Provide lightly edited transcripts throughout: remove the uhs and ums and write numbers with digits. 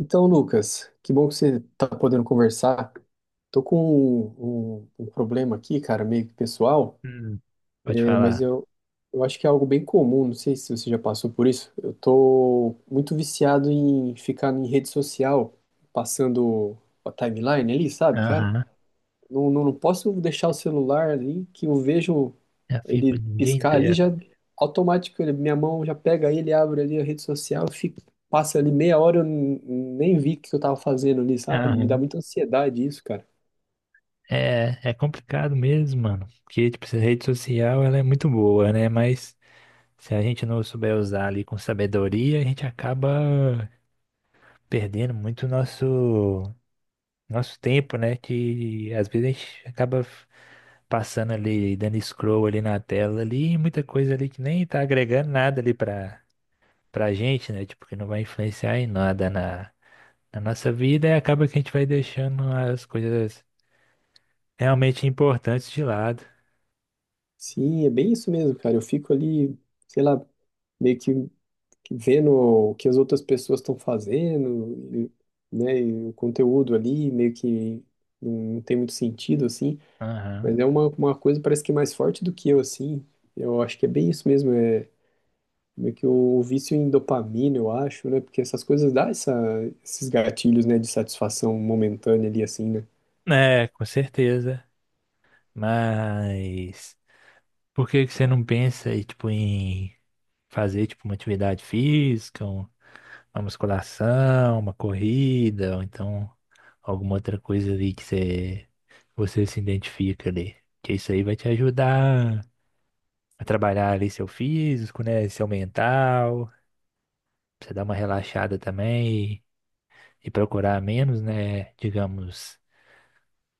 Então, Lucas, que bom que você está podendo conversar. Tô com um problema aqui, cara, meio que pessoal, Hum, pode é, mas falar. Eu acho que é algo bem comum, não sei se você já passou por isso. Eu tô muito viciado em ficar em rede social, passando a timeline ali, sabe, cara? Aham. Não, não, não posso deixar o celular ali, que eu vejo Já fico o ele dia piscar ali inteiro. já automático, minha mão já pega ele, abre ali a rede social, fico passa ali meia hora, nem vi o que eu tava fazendo ali, sabe? Me dá Aham. muita ansiedade isso, cara. É, é complicado mesmo, mano. Porque, tipo, essa rede social, ela é muito boa, né? Mas se a gente não souber usar ali com sabedoria, a gente acaba perdendo muito nosso tempo, né? Que às vezes a gente acaba passando ali, dando scroll ali na tela ali, e muita coisa ali que nem tá agregando nada ali pra gente, né? Tipo, que não vai influenciar em nada na nossa vida e acaba que a gente vai deixando as coisas realmente importantes de lado. Sim, é bem isso mesmo, cara. Eu fico ali, sei lá, meio que vendo o que as outras pessoas estão fazendo, e, né, e o conteúdo ali meio que não tem muito sentido, assim, Aham. mas é uma coisa parece que mais forte do que eu, assim, eu acho que é bem isso mesmo, é meio que o vício em dopamina, eu acho, né? Porque essas coisas dão esses gatilhos, né, de satisfação momentânea ali, assim, né? É, com certeza. Mas por que que você não pensa aí, tipo, em fazer tipo uma atividade física, uma musculação, uma corrida, ou então alguma outra coisa ali que você se identifica ali? Que isso aí vai te ajudar a trabalhar ali seu físico, né? Seu mental. Pra você dar uma relaxada também e procurar menos, né? Digamos,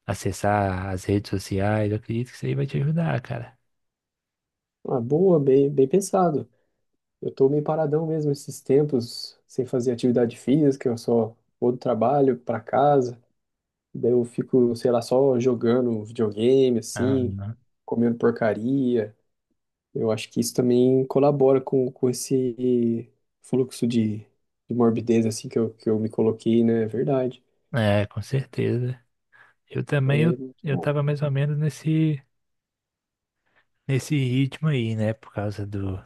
acessar as redes sociais. Eu acredito que isso aí vai te ajudar, cara. Ah, boa, bem pensado. Eu tô meio paradão mesmo esses tempos, sem fazer atividade física, eu só vou do trabalho pra casa, daí eu fico, sei lá, só jogando videogame, assim, Aham. comendo porcaria. Eu acho que isso também colabora com esse fluxo de, de morbidez, assim, que eu me coloquei, né? É verdade. É, com certeza. Eu também, É, muito eu bom. tava mais ou menos nesse ritmo aí, né? Por causa do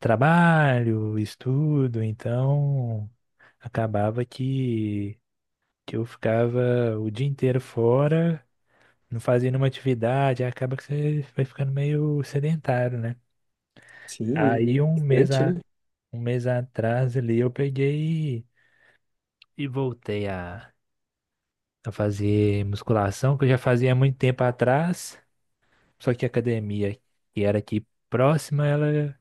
trabalho, estudo, então acabava que eu ficava o dia inteiro fora, não fazia nenhuma atividade, aí acaba que você vai ficando meio sedentário, né? Aí Sim, um mês distante, a né? Um mês atrás ali eu peguei e voltei a fazer musculação, que eu já fazia há muito tempo atrás, só que a academia que era aqui próxima, ela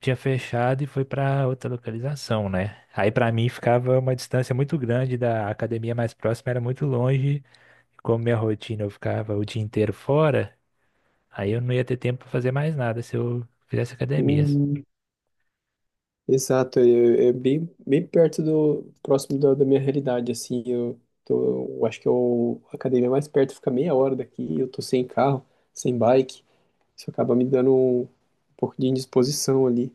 tinha fechado e foi para outra localização, né? Aí para mim ficava uma distância muito grande da academia mais próxima, era muito longe, como minha rotina eu ficava o dia inteiro fora, aí eu não ia ter tempo para fazer mais nada se eu fizesse academias. Hum, exato, é, é bem perto do, próximo da minha realidade, assim, eu tô, eu acho que eu, a academia mais perto fica meia hora daqui, eu tô sem carro, sem bike, isso acaba me dando um pouco de indisposição ali,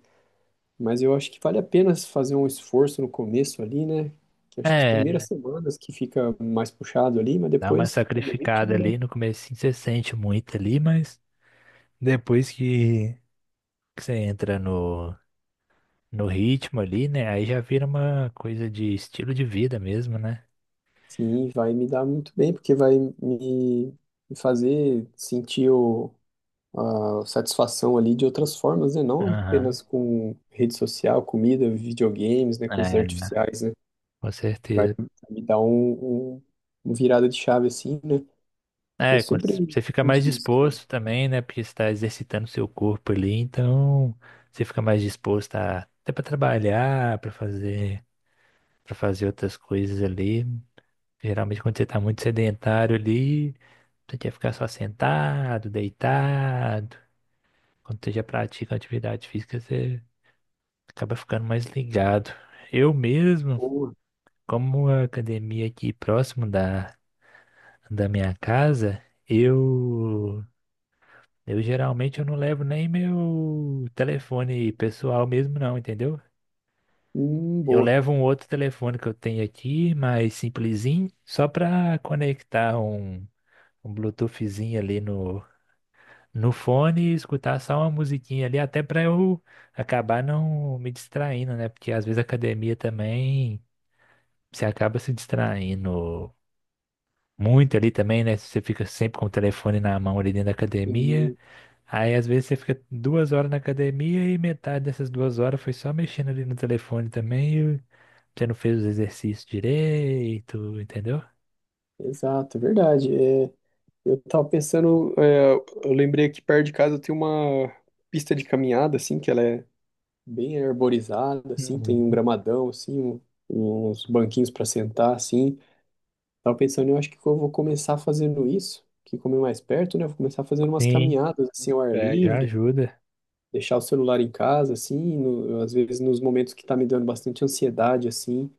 mas eu acho que vale a pena fazer um esforço no começo ali, né? Que eu acho que as É, primeiras semanas que fica mais puxado ali, mas dá uma depois que pega o sacrificada ritmo, né? ali no começo, você sente muito ali, mas depois que você entra no ritmo ali, né? Aí já vira uma coisa de estilo de vida mesmo, né? Sim, vai me dar muito bem, porque vai me fazer sentir o a satisfação ali de outras formas, né? Não Aham. apenas com rede social, comida, videogames, né? Coisas É, né? artificiais, né? Com Vai certeza. me dar uma virada de chave assim, né? Que eu É, quando sempre você fica mais senti isso. né? disposto também, né? Porque você está exercitando seu corpo ali, então você fica mais disposto a, até para trabalhar, para para fazer outras coisas ali. Geralmente quando você tá muito sedentário ali, você quer ficar só sentado, deitado. Quando você já pratica atividade física, você acaba ficando mais ligado. Eu mesmo, Boa, como a academia aqui próximo da minha casa, eu eu geralmente eu não levo nem meu telefone pessoal mesmo não, entendeu? Eu boa. levo um outro telefone que eu tenho aqui, mais simplesinho, só para conectar um Bluetoothzinho ali no fone e escutar só uma musiquinha ali, até para eu acabar não me distraindo, né? Porque às vezes a academia também você acaba se distraindo muito ali também, né? Você fica sempre com o telefone na mão ali dentro da academia. E- Aí às vezes você fica 2 horas na academia e metade dessas 2 horas foi só mexendo ali no telefone também. E você não fez os exercícios direito, entendeu? exato, é verdade. É, eu tava pensando, é, eu lembrei que perto de casa tem uma pista de caminhada, assim, que ela é bem arborizada, assim, tem um Uhum. gramadão, assim, uns banquinhos para sentar, assim. Tava pensando, eu acho que eu vou começar fazendo isso, que como é mais perto, né? eu Vou começar fazendo umas Sim, caminhadas assim ao ar é, já livre, ajuda. deixar o celular em casa, assim, às vezes nos momentos que tá me dando bastante ansiedade, assim,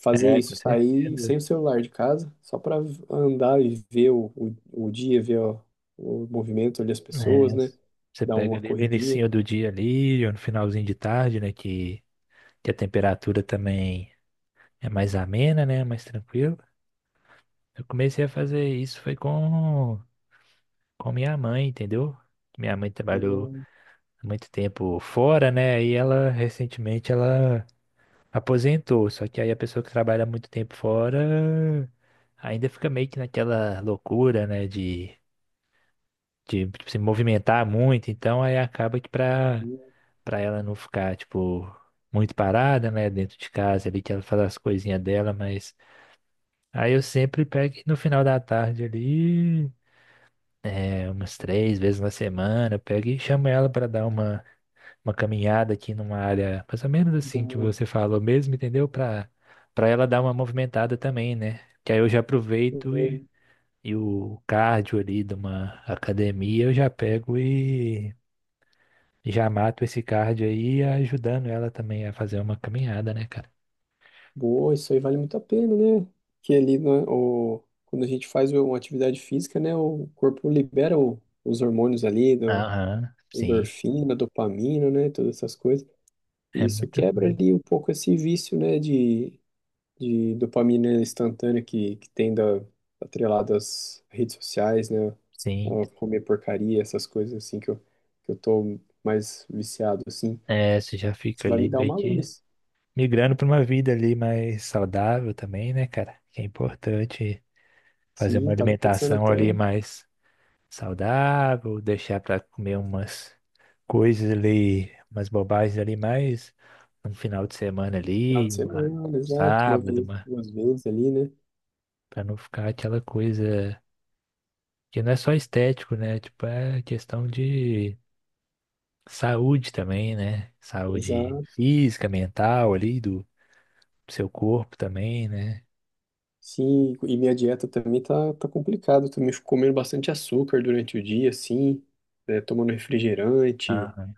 fazer É, com isso, sair certeza. sem o celular de casa, só para andar e ver o dia, ver ó, o movimento ali, as pessoas, É, né? você Dar pega uma ali no corridinha. início do dia ali, ou no finalzinho de tarde, né? Que a temperatura também é mais amena, né? Mais tranquila. Eu comecei a fazer isso foi com minha mãe, entendeu? Minha mãe trabalhou Eu- há muito tempo fora, né? E ela recentemente ela aposentou. Só que aí a pessoa que trabalha muito tempo fora ainda fica meio que naquela loucura, né? De se movimentar muito. Então aí acaba que eu- pra ela não ficar, tipo, muito parada, né? Dentro de casa ali, que ela faz as coisinhas dela, mas aí eu sempre pego e no final da tarde ali. É, umas 3 vezes na semana, pega e chama ela para dar uma caminhada aqui numa área mais ou menos assim que eu- você falou mesmo, entendeu? Para ela dar uma movimentada também, né? Que aí eu já aproveito não- e o cardio ali de uma academia eu já pego e já mato esse cardio aí, ajudando ela também a fazer uma caminhada, né, cara? Boa, isso aí vale muito a pena, né? Que ali, né, o, quando a gente faz uma atividade física, né, o corpo libera os hormônios ali, do, Aham, sim, endorfina, dopamina, né, todas essas coisas. E é isso muita quebra coisa. ali um pouco esse vício, né, de dopamina instantânea que tem da, atrelado às redes sociais, né, Sim, a comer porcaria, essas coisas assim que eu tô mais viciado, assim. é, você já Isso fica vai me ali dar meio uma que luz. migrando para uma vida ali mais saudável também, né, cara? Que é importante fazer uma Sim, tava pensando alimentação até. ali mais saudável, deixar para comer umas coisas ali, umas bobagens ali mais no final de semana Final ali, de uma, semana, um exato, uma sábado, vez, uma, 2 vezes ali, né? para não ficar aquela coisa que não é só estético, né? Tipo, é questão de saúde também, né? Saúde Exato. física, mental ali do seu corpo também, né? Sim, e minha dieta também tá complicada. Eu também fico comendo bastante açúcar durante o dia, assim, né? Tomando refrigerante, Ah,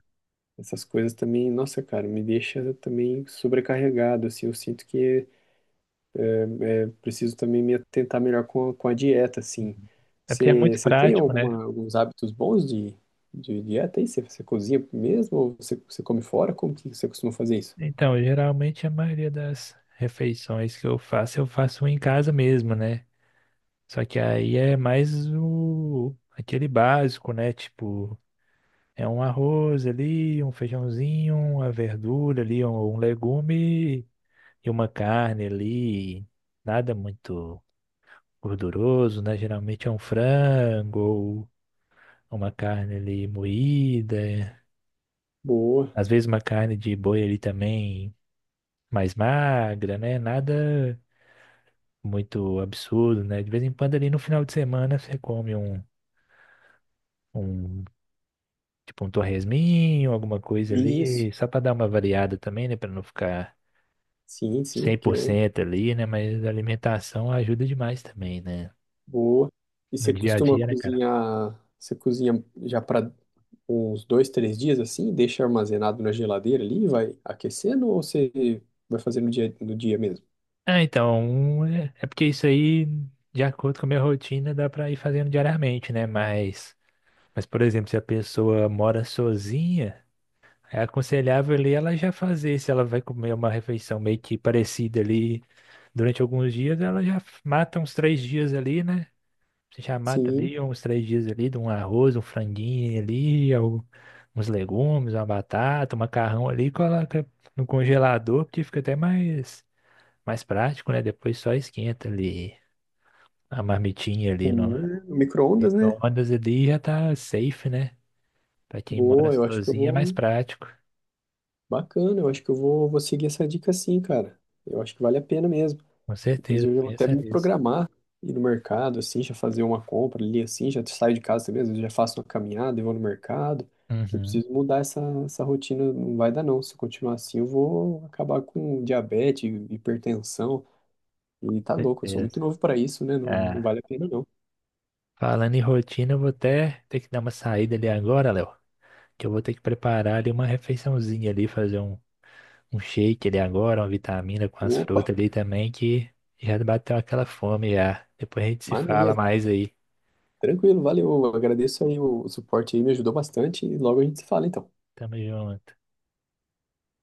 essas coisas também, nossa, cara, me deixa também sobrecarregado, assim. Eu sinto que eu preciso também me atentar melhor com com a dieta, assim. é porque é muito Você tem prático, né? alguma, alguns hábitos bons de dieta aí? Você cozinha mesmo ou você come fora? Como que você costuma fazer isso? Então, geralmente a maioria das refeições que eu faço em casa mesmo, né? Só que aí é mais o aquele básico, né? Tipo, é um arroz ali, um feijãozinho, uma verdura ali, um legume e uma carne ali. Nada muito gorduroso, né? Geralmente é um frango ou uma carne ali moída. Boa. Às vezes uma carne de boi ali também mais magra, né? Nada muito absurdo, né? De vez em quando ali no final de semana você come um tipo um torresminho, alguma coisa Isso. ali, só para dar uma variada também, né? Para não ficar Sim, sim, cem porque por eu cento ali, né? Mas a alimentação ajuda demais também, né? boa. E No você dia a costuma dia, né, cara? cozinhar, você cozinha já para uns 2, 3 dias assim, deixa armazenado na geladeira ali, e vai aquecendo ou você vai fazer no dia, no dia mesmo? Ah, então, um, é porque isso aí, de acordo com a minha rotina, dá para ir fazendo diariamente, né? Mas, por exemplo, se a pessoa mora sozinha, é aconselhável ali ela já fazer, se ela vai comer uma refeição meio que parecida ali durante alguns dias, ela já mata uns 3 dias ali, né? Você já mata Sim, ali uns 3 dias ali, de um arroz, um franguinho ali, uns legumes, uma batata, um macarrão ali, e coloca no congelador, porque fica até mais prático, né? Depois só esquenta ali a marmitinha ali no sim, é, micro-ondas, né? micro-ondas ali e já tá safe, né? Pra quem mora Boa, eu acho que eu sozinho é mais vou. prático, Bacana, eu acho que eu vou, vou seguir essa dica sim, cara. Eu acho que vale a pena mesmo. com certeza, Inclusive, eu vou até pensa me nisso. programar, ir no mercado, assim, já fazer uma compra ali, assim, já saio de casa também, às vezes já faço uma caminhada e vou no mercado, que eu Uhum, preciso mudar essa rotina, não vai dar não, se eu continuar assim eu vou acabar com diabetes, hipertensão, e tá louco, eu sou muito certeza. novo para isso, né, não, não É. vale a pena não. Falando em rotina, eu vou até ter que dar uma saída ali agora, Léo. Que eu vou ter que preparar ali uma refeiçãozinha ali, fazer um shake ali agora, uma vitamina com as Opa, frutas ali também, que já bateu aquela fome já. Depois a gente se fala maneiro, mais aí. tranquilo, valeu, agradeço aí o suporte aí, me ajudou bastante, e logo a gente se fala então. Tamo junto.